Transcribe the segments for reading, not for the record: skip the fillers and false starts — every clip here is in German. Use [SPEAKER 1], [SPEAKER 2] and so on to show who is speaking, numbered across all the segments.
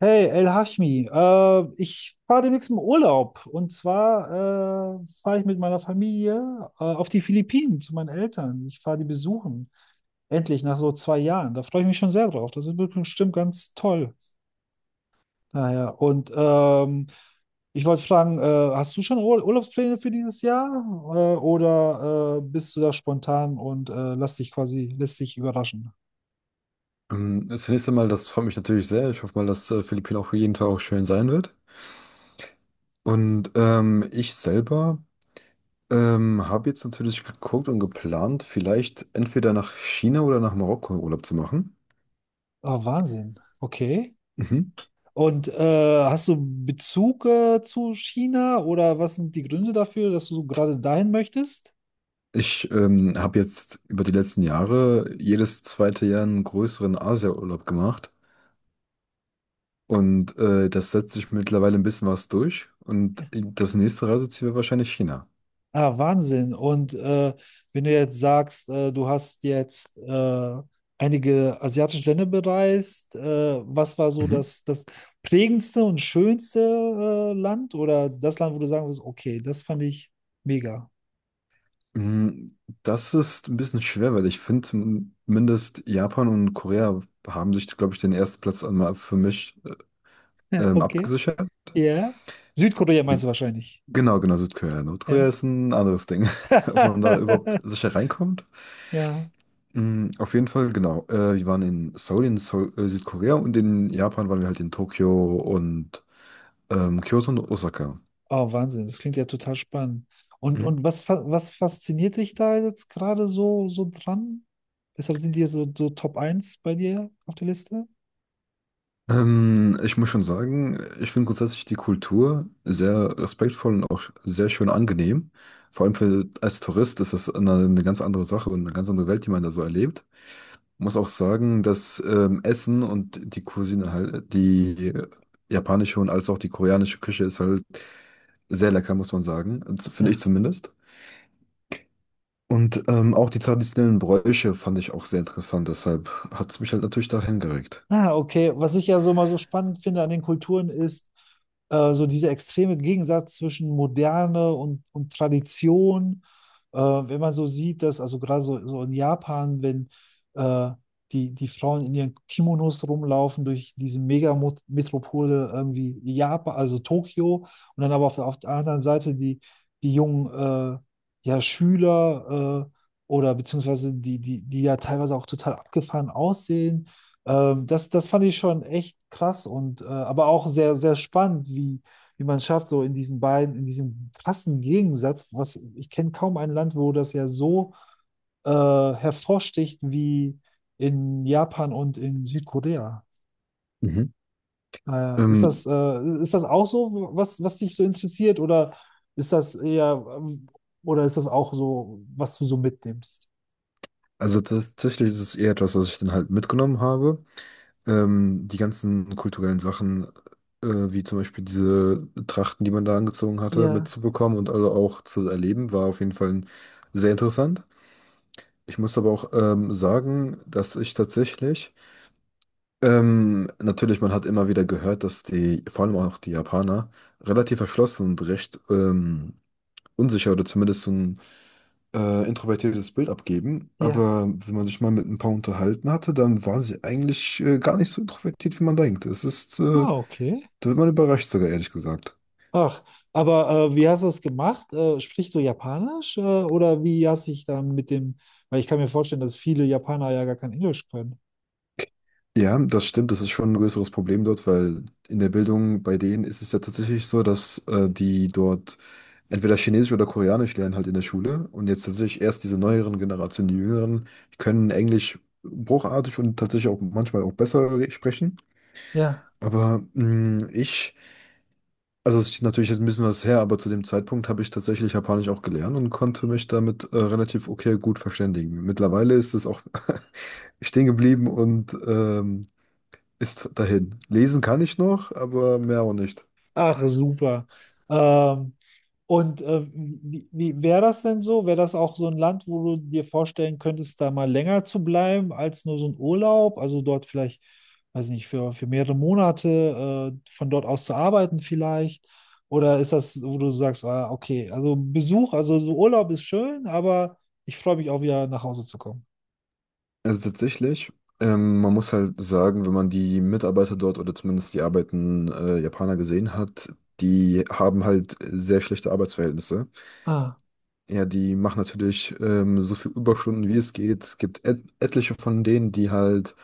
[SPEAKER 1] Hey, El Hashmi, ich fahre demnächst im Urlaub. Und zwar fahre ich mit meiner Familie auf die Philippinen zu meinen Eltern. Ich fahre die besuchen. Endlich nach so zwei Jahren. Da freue ich mich schon sehr drauf. Das wird bestimmt ganz toll. Naja, ich wollte fragen, hast du schon Ur Urlaubspläne für dieses Jahr? Oder bist du da spontan und lässt dich überraschen?
[SPEAKER 2] Zunächst einmal, das freut mich natürlich sehr. Ich hoffe mal, dass Philippinen auch für jeden Tag auch schön sein wird. Und ich selber habe jetzt natürlich geguckt und geplant, vielleicht entweder nach China oder nach Marokko Urlaub zu machen.
[SPEAKER 1] Oh, Wahnsinn. Okay.
[SPEAKER 2] Mhm.
[SPEAKER 1] Und hast du Bezug zu China, oder was sind die Gründe dafür, dass du gerade dahin möchtest?
[SPEAKER 2] Ich habe jetzt über die letzten Jahre jedes zweite Jahr einen größeren Asia-Urlaub gemacht. Und das setzt sich mittlerweile ein bisschen was durch. Und
[SPEAKER 1] Ja.
[SPEAKER 2] das nächste Reiseziel wäre wahrscheinlich China.
[SPEAKER 1] Ah, Wahnsinn. Und wenn du jetzt sagst, du hast jetzt einige asiatische Länder bereist, was war so
[SPEAKER 2] Mhm.
[SPEAKER 1] das prägendste und schönste Land, oder das Land, wo du sagen würdest, okay, das fand ich mega.
[SPEAKER 2] Mm, Das ist ein bisschen schwer, weil ich finde, zumindest Japan und Korea haben sich, glaube ich, den ersten Platz einmal für mich
[SPEAKER 1] Okay,
[SPEAKER 2] abgesichert.
[SPEAKER 1] ja. Südkorea
[SPEAKER 2] Wie,
[SPEAKER 1] meinst du wahrscheinlich.
[SPEAKER 2] genau, genau, Südkorea. Nordkorea
[SPEAKER 1] Ja.
[SPEAKER 2] ist ein anderes Ding, ob man da überhaupt sicher reinkommt.
[SPEAKER 1] Ja.
[SPEAKER 2] Auf jeden Fall, genau. Wir waren in Seoul, Südkorea, und in Japan waren wir halt in Tokio und Kyoto und Osaka.
[SPEAKER 1] Oh, Wahnsinn, das klingt ja total spannend. Und was fasziniert dich da jetzt gerade so dran? Weshalb sind die so Top Eins bei dir auf der Liste?
[SPEAKER 2] Ich muss schon sagen, ich finde grundsätzlich die Kultur sehr respektvoll und auch sehr schön angenehm. Vor allem für, als Tourist ist das eine ganz andere Sache und eine ganz andere Welt, die man da so erlebt. Muss auch sagen, dass Essen und die Cuisine halt, die japanische und als auch die koreanische Küche ist halt sehr lecker, muss man sagen. Also finde ich zumindest. Und auch die traditionellen Bräuche fand ich auch sehr interessant. Deshalb hat es mich halt natürlich dahin geregt.
[SPEAKER 1] Ah, okay. Was ich ja so mal so spannend finde an den Kulturen ist so dieser extreme Gegensatz zwischen Moderne und Tradition. Wenn man so sieht, dass also gerade so in Japan, wenn äh, die Frauen in ihren Kimonos rumlaufen durch diese Megametropole irgendwie Japan, also Tokio, und dann aber auf der anderen Seite die jungen äh, ja, Schüler oder beziehungsweise die ja teilweise auch total abgefahren aussehen, das fand ich schon echt krass und aber auch sehr, sehr spannend, wie, wie man schafft, so in diesen beiden, in diesem krassen Gegensatz, was ich kenne kaum ein Land, wo das ja so hervorsticht wie in Japan und in Südkorea.
[SPEAKER 2] Mhm. Ähm,
[SPEAKER 1] Ist das auch so, was dich so interessiert, oder ist das eher, oder ist das auch so, was du so mitnimmst?
[SPEAKER 2] Also tatsächlich ist es eher etwas, was ich dann halt mitgenommen habe. Die ganzen kulturellen Sachen, äh, wie zum Beispiel diese Trachten, die man da angezogen hatte,
[SPEAKER 1] Ja,
[SPEAKER 2] mitzubekommen und alle auch zu erleben, war auf jeden Fall sehr interessant. Ich muss aber auch sagen, dass ich tatsächlich, natürlich, man hat immer wieder gehört, dass die, vor allem auch die Japaner, relativ verschlossen und recht unsicher oder zumindest so ein introvertiertes Bild abgeben,
[SPEAKER 1] ja.
[SPEAKER 2] aber wenn man sich mal mit ein paar unterhalten hatte, dann war sie eigentlich gar nicht so introvertiert, wie man denkt.
[SPEAKER 1] Ah, okay.
[SPEAKER 2] Da wird man überrascht sogar, ehrlich gesagt.
[SPEAKER 1] Ach, aber wie hast du es gemacht? Sprichst du Japanisch oder wie hast dich dann mit dem, weil ich kann mir vorstellen, dass viele Japaner ja gar kein Englisch können.
[SPEAKER 2] Ja, das stimmt, das ist schon ein größeres Problem dort, weil in der Bildung bei denen ist es ja tatsächlich so, dass die dort entweder Chinesisch oder Koreanisch lernen halt in der Schule, und jetzt tatsächlich erst diese neueren Generationen, die Jüngeren, können Englisch bruchartig und tatsächlich auch manchmal auch besser sprechen.
[SPEAKER 1] Ja.
[SPEAKER 2] Aber mh, ich Also es ist natürlich jetzt ein bisschen was her, aber zu dem Zeitpunkt habe ich tatsächlich Japanisch auch gelernt und konnte mich damit relativ okay gut verständigen. Mittlerweile ist es auch stehen geblieben und ist dahin. Lesen kann ich noch, aber mehr auch nicht.
[SPEAKER 1] Ach, super. Ähm, und wie wäre das denn so? Wäre das auch so ein Land, wo du dir vorstellen könntest, da mal länger zu bleiben als nur so ein Urlaub? Also dort vielleicht, weiß nicht, für mehrere Monate von dort aus zu arbeiten vielleicht? Oder ist das, wo du sagst, ah, okay, also Besuch, also so Urlaub ist schön, aber ich freue mich auch wieder nach Hause zu kommen.
[SPEAKER 2] Also tatsächlich, man muss halt sagen, wenn man die Mitarbeiter dort oder zumindest die arbeitenden Japaner gesehen hat, die haben halt sehr schlechte Arbeitsverhältnisse.
[SPEAKER 1] Ah,
[SPEAKER 2] Ja, die machen natürlich so viel Überstunden, wie es geht. Es gibt et etliche von denen, die halt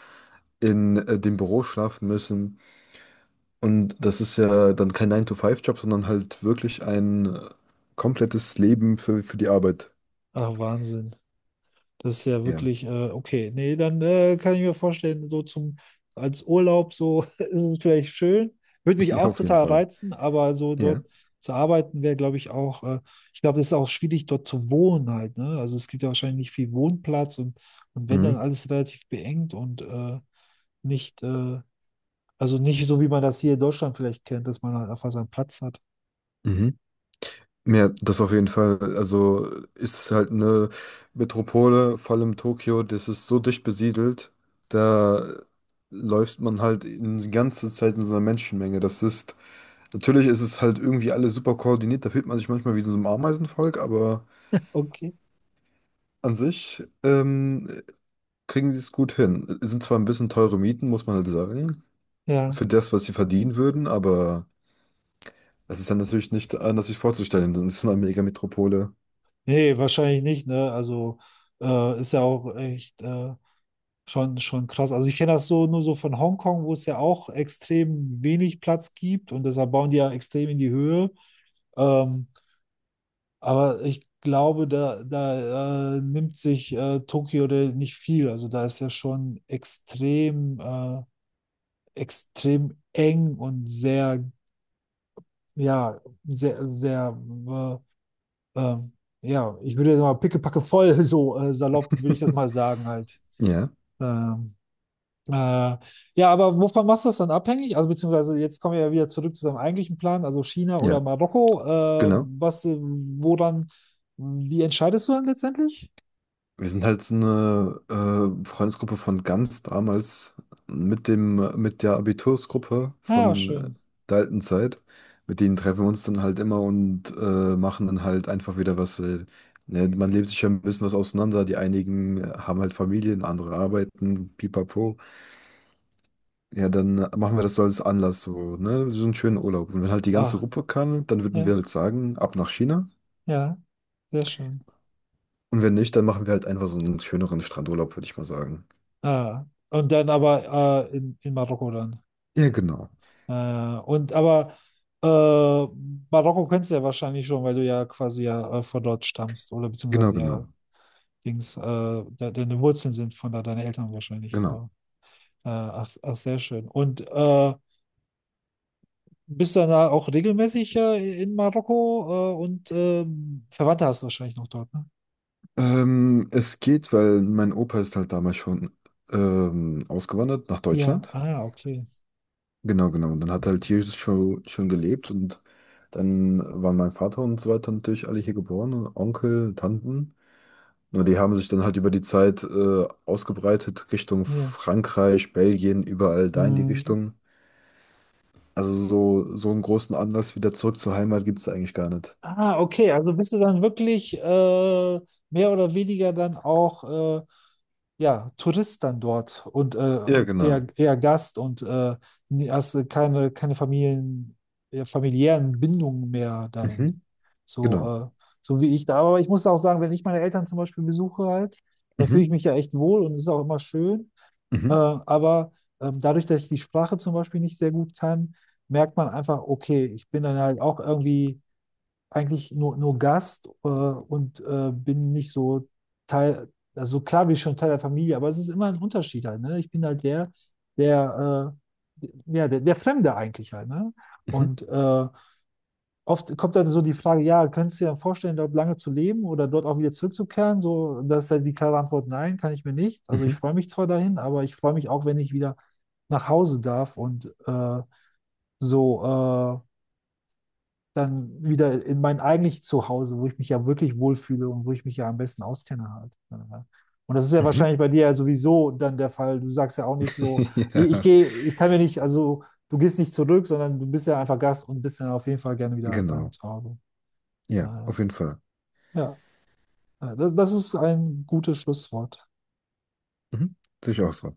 [SPEAKER 2] in dem Büro schlafen müssen. Und das ist ja dann kein nine to five job, sondern halt wirklich ein komplettes Leben für die Arbeit.
[SPEAKER 1] ah, Wahnsinn. Das ist ja
[SPEAKER 2] Ja,
[SPEAKER 1] wirklich, okay, nee, dann kann ich mir vorstellen, als Urlaub, so ist es vielleicht schön. Würde mich
[SPEAKER 2] ja,
[SPEAKER 1] auch
[SPEAKER 2] auf jeden
[SPEAKER 1] total
[SPEAKER 2] Fall.
[SPEAKER 1] reizen, aber so
[SPEAKER 2] Ja.
[SPEAKER 1] dort zu arbeiten wäre, glaube ich, auch, ich glaube, es ist auch schwierig, dort zu wohnen halt, ne? Also es gibt ja wahrscheinlich nicht viel Wohnplatz und wenn dann
[SPEAKER 2] Mhm.
[SPEAKER 1] alles relativ beengt und nicht, also nicht so, wie man das hier in Deutschland vielleicht kennt, dass man halt einfach seinen Platz hat.
[SPEAKER 2] Mhm. Ja, das auf jeden Fall. Also ist es halt eine Metropole, vor allem Tokio, das ist so dicht besiedelt, da läuft man halt die ganze Zeit in so einer Menschenmenge. Das ist, natürlich ist es halt irgendwie alles super koordiniert, da fühlt man sich manchmal wie in so einem Ameisenvolk, aber
[SPEAKER 1] Okay.
[SPEAKER 2] an sich kriegen sie es gut hin. Es sind zwar ein bisschen teure Mieten, muss man halt sagen,
[SPEAKER 1] Ja.
[SPEAKER 2] für das, was sie verdienen würden, aber es ist dann natürlich nicht anders sich vorzustellen, denn es ist so eine Megametropole.
[SPEAKER 1] Nee, wahrscheinlich nicht, ne? Also ist ja auch echt. Schon, schon krass. Also ich kenne das so nur so von Hongkong, wo es ja auch extrem wenig Platz gibt und deshalb bauen die ja extrem in die Höhe. Ähm, aber ich glaube, da nimmt sich Tokio da nicht viel. Also da ist ja schon extrem, extrem eng und sehr, ja, sehr, sehr, äh, ähm, ja, ich würde jetzt mal pickepacke voll, so salopp würde ich das mal sagen halt.
[SPEAKER 2] Ja,
[SPEAKER 1] Ähm, Äh, ja, aber wovon machst du das dann abhängig? Also beziehungsweise jetzt kommen wir ja wieder zurück zu deinem eigentlichen Plan, also China oder
[SPEAKER 2] ja,
[SPEAKER 1] Marokko. Äh,
[SPEAKER 2] genau.
[SPEAKER 1] was, äh, woran, wie entscheidest du dann letztendlich?
[SPEAKER 2] Wir sind halt so eine Freundesgruppe von ganz damals mit dem, mit der Abitursgruppe
[SPEAKER 1] Ah, ja,
[SPEAKER 2] von
[SPEAKER 1] schön.
[SPEAKER 2] der alten Zeit. Mit denen treffen wir uns dann halt immer und machen dann halt einfach wieder was. Ne, man lebt sich ja ein bisschen was auseinander. Die einigen haben halt Familien, andere arbeiten, pipapo. Ja, dann machen wir das so als Anlass, so, ne? So einen schönen Urlaub. Und wenn halt die ganze
[SPEAKER 1] Ah,
[SPEAKER 2] Gruppe kann, dann würden wir
[SPEAKER 1] ja,
[SPEAKER 2] halt sagen, ab nach China.
[SPEAKER 1] ja, sehr schön.
[SPEAKER 2] Und wenn nicht, dann machen wir halt einfach so einen schöneren Strandurlaub, würde ich mal sagen.
[SPEAKER 1] Ah, und dann aber in Marokko dann.
[SPEAKER 2] Ja, genau.
[SPEAKER 1] Äh, und aber äh, Marokko kennst du ja wahrscheinlich schon, weil du ja quasi ja von dort stammst oder
[SPEAKER 2] Genau,
[SPEAKER 1] beziehungsweise ja
[SPEAKER 2] genau,
[SPEAKER 1] Dings, de deine Wurzeln sind von da, deine Eltern wahrscheinlich.
[SPEAKER 2] genau.
[SPEAKER 1] Ach, ach, sehr schön. Und bist du dann da auch regelmäßig in Marokko Verwandte hast du wahrscheinlich noch dort, ne?
[SPEAKER 2] Es geht, weil mein Opa ist halt damals schon ausgewandert nach
[SPEAKER 1] Ja,
[SPEAKER 2] Deutschland.
[SPEAKER 1] ah, okay.
[SPEAKER 2] Genau, genau. Und dann hat er halt hier schon gelebt und dann waren mein Vater und so weiter natürlich alle hier geboren, und Onkel, Tanten. Nur die haben sich dann halt über die Zeit ausgebreitet Richtung
[SPEAKER 1] Ja.
[SPEAKER 2] Frankreich, Belgien, überall da in die
[SPEAKER 1] Hm.
[SPEAKER 2] Richtung. Also so, so einen großen Anlass wieder zurück zur Heimat gibt es eigentlich gar nicht.
[SPEAKER 1] Ah, okay. Also bist du dann wirklich mehr oder weniger dann auch äh, ja, Tourist dann dort und
[SPEAKER 2] Ja,
[SPEAKER 1] eher,
[SPEAKER 2] genau.
[SPEAKER 1] eher Gast und hast keine, keine Familien, familiären Bindungen mehr dahin.
[SPEAKER 2] Mhm,
[SPEAKER 1] So,
[SPEAKER 2] genau.
[SPEAKER 1] so wie ich da. Aber ich muss auch sagen, wenn ich meine Eltern zum Beispiel besuche halt, dann fühle
[SPEAKER 2] Mhm,
[SPEAKER 1] ich mich ja echt wohl und es ist auch immer schön.
[SPEAKER 2] mhm,
[SPEAKER 1] Aber dadurch, dass ich die Sprache zum Beispiel nicht sehr gut kann, merkt man einfach, okay, ich bin dann halt auch irgendwie eigentlich nur Gast bin nicht so Teil, also klar bin ich schon Teil der Familie, aber es ist immer ein Unterschied halt, ne? Ich bin halt der, der Fremde eigentlich halt, ne?
[SPEAKER 2] mhm,
[SPEAKER 1] Und oft kommt dann so die Frage, ja, könntest du dir dann vorstellen, dort lange zu leben oder dort auch wieder zurückzukehren? So, das ist halt die klare Antwort, nein, kann ich mir nicht. Also ich
[SPEAKER 2] mhm,
[SPEAKER 1] freue mich zwar dahin, aber ich freue mich auch, wenn ich wieder nach Hause darf und so äh, dann wieder in mein eigentlich Zuhause, wo ich mich ja wirklich wohlfühle und wo ich mich ja am besten auskenne halt. Ja. Und das ist ja
[SPEAKER 2] mhm.
[SPEAKER 1] wahrscheinlich bei dir ja sowieso dann der Fall. Du sagst ja auch nicht so, ich
[SPEAKER 2] Ja,
[SPEAKER 1] gehe, ich kann mir nicht, also du gehst nicht zurück, sondern du bist ja einfach Gast und bist ja auf jeden Fall gerne wieder dann
[SPEAKER 2] genau.
[SPEAKER 1] zu Hause. Äh,
[SPEAKER 2] Ja, auf jeden Fall.
[SPEAKER 1] ja, das ist ein gutes Schlusswort.
[SPEAKER 2] Mhm. Sehe ich auch so.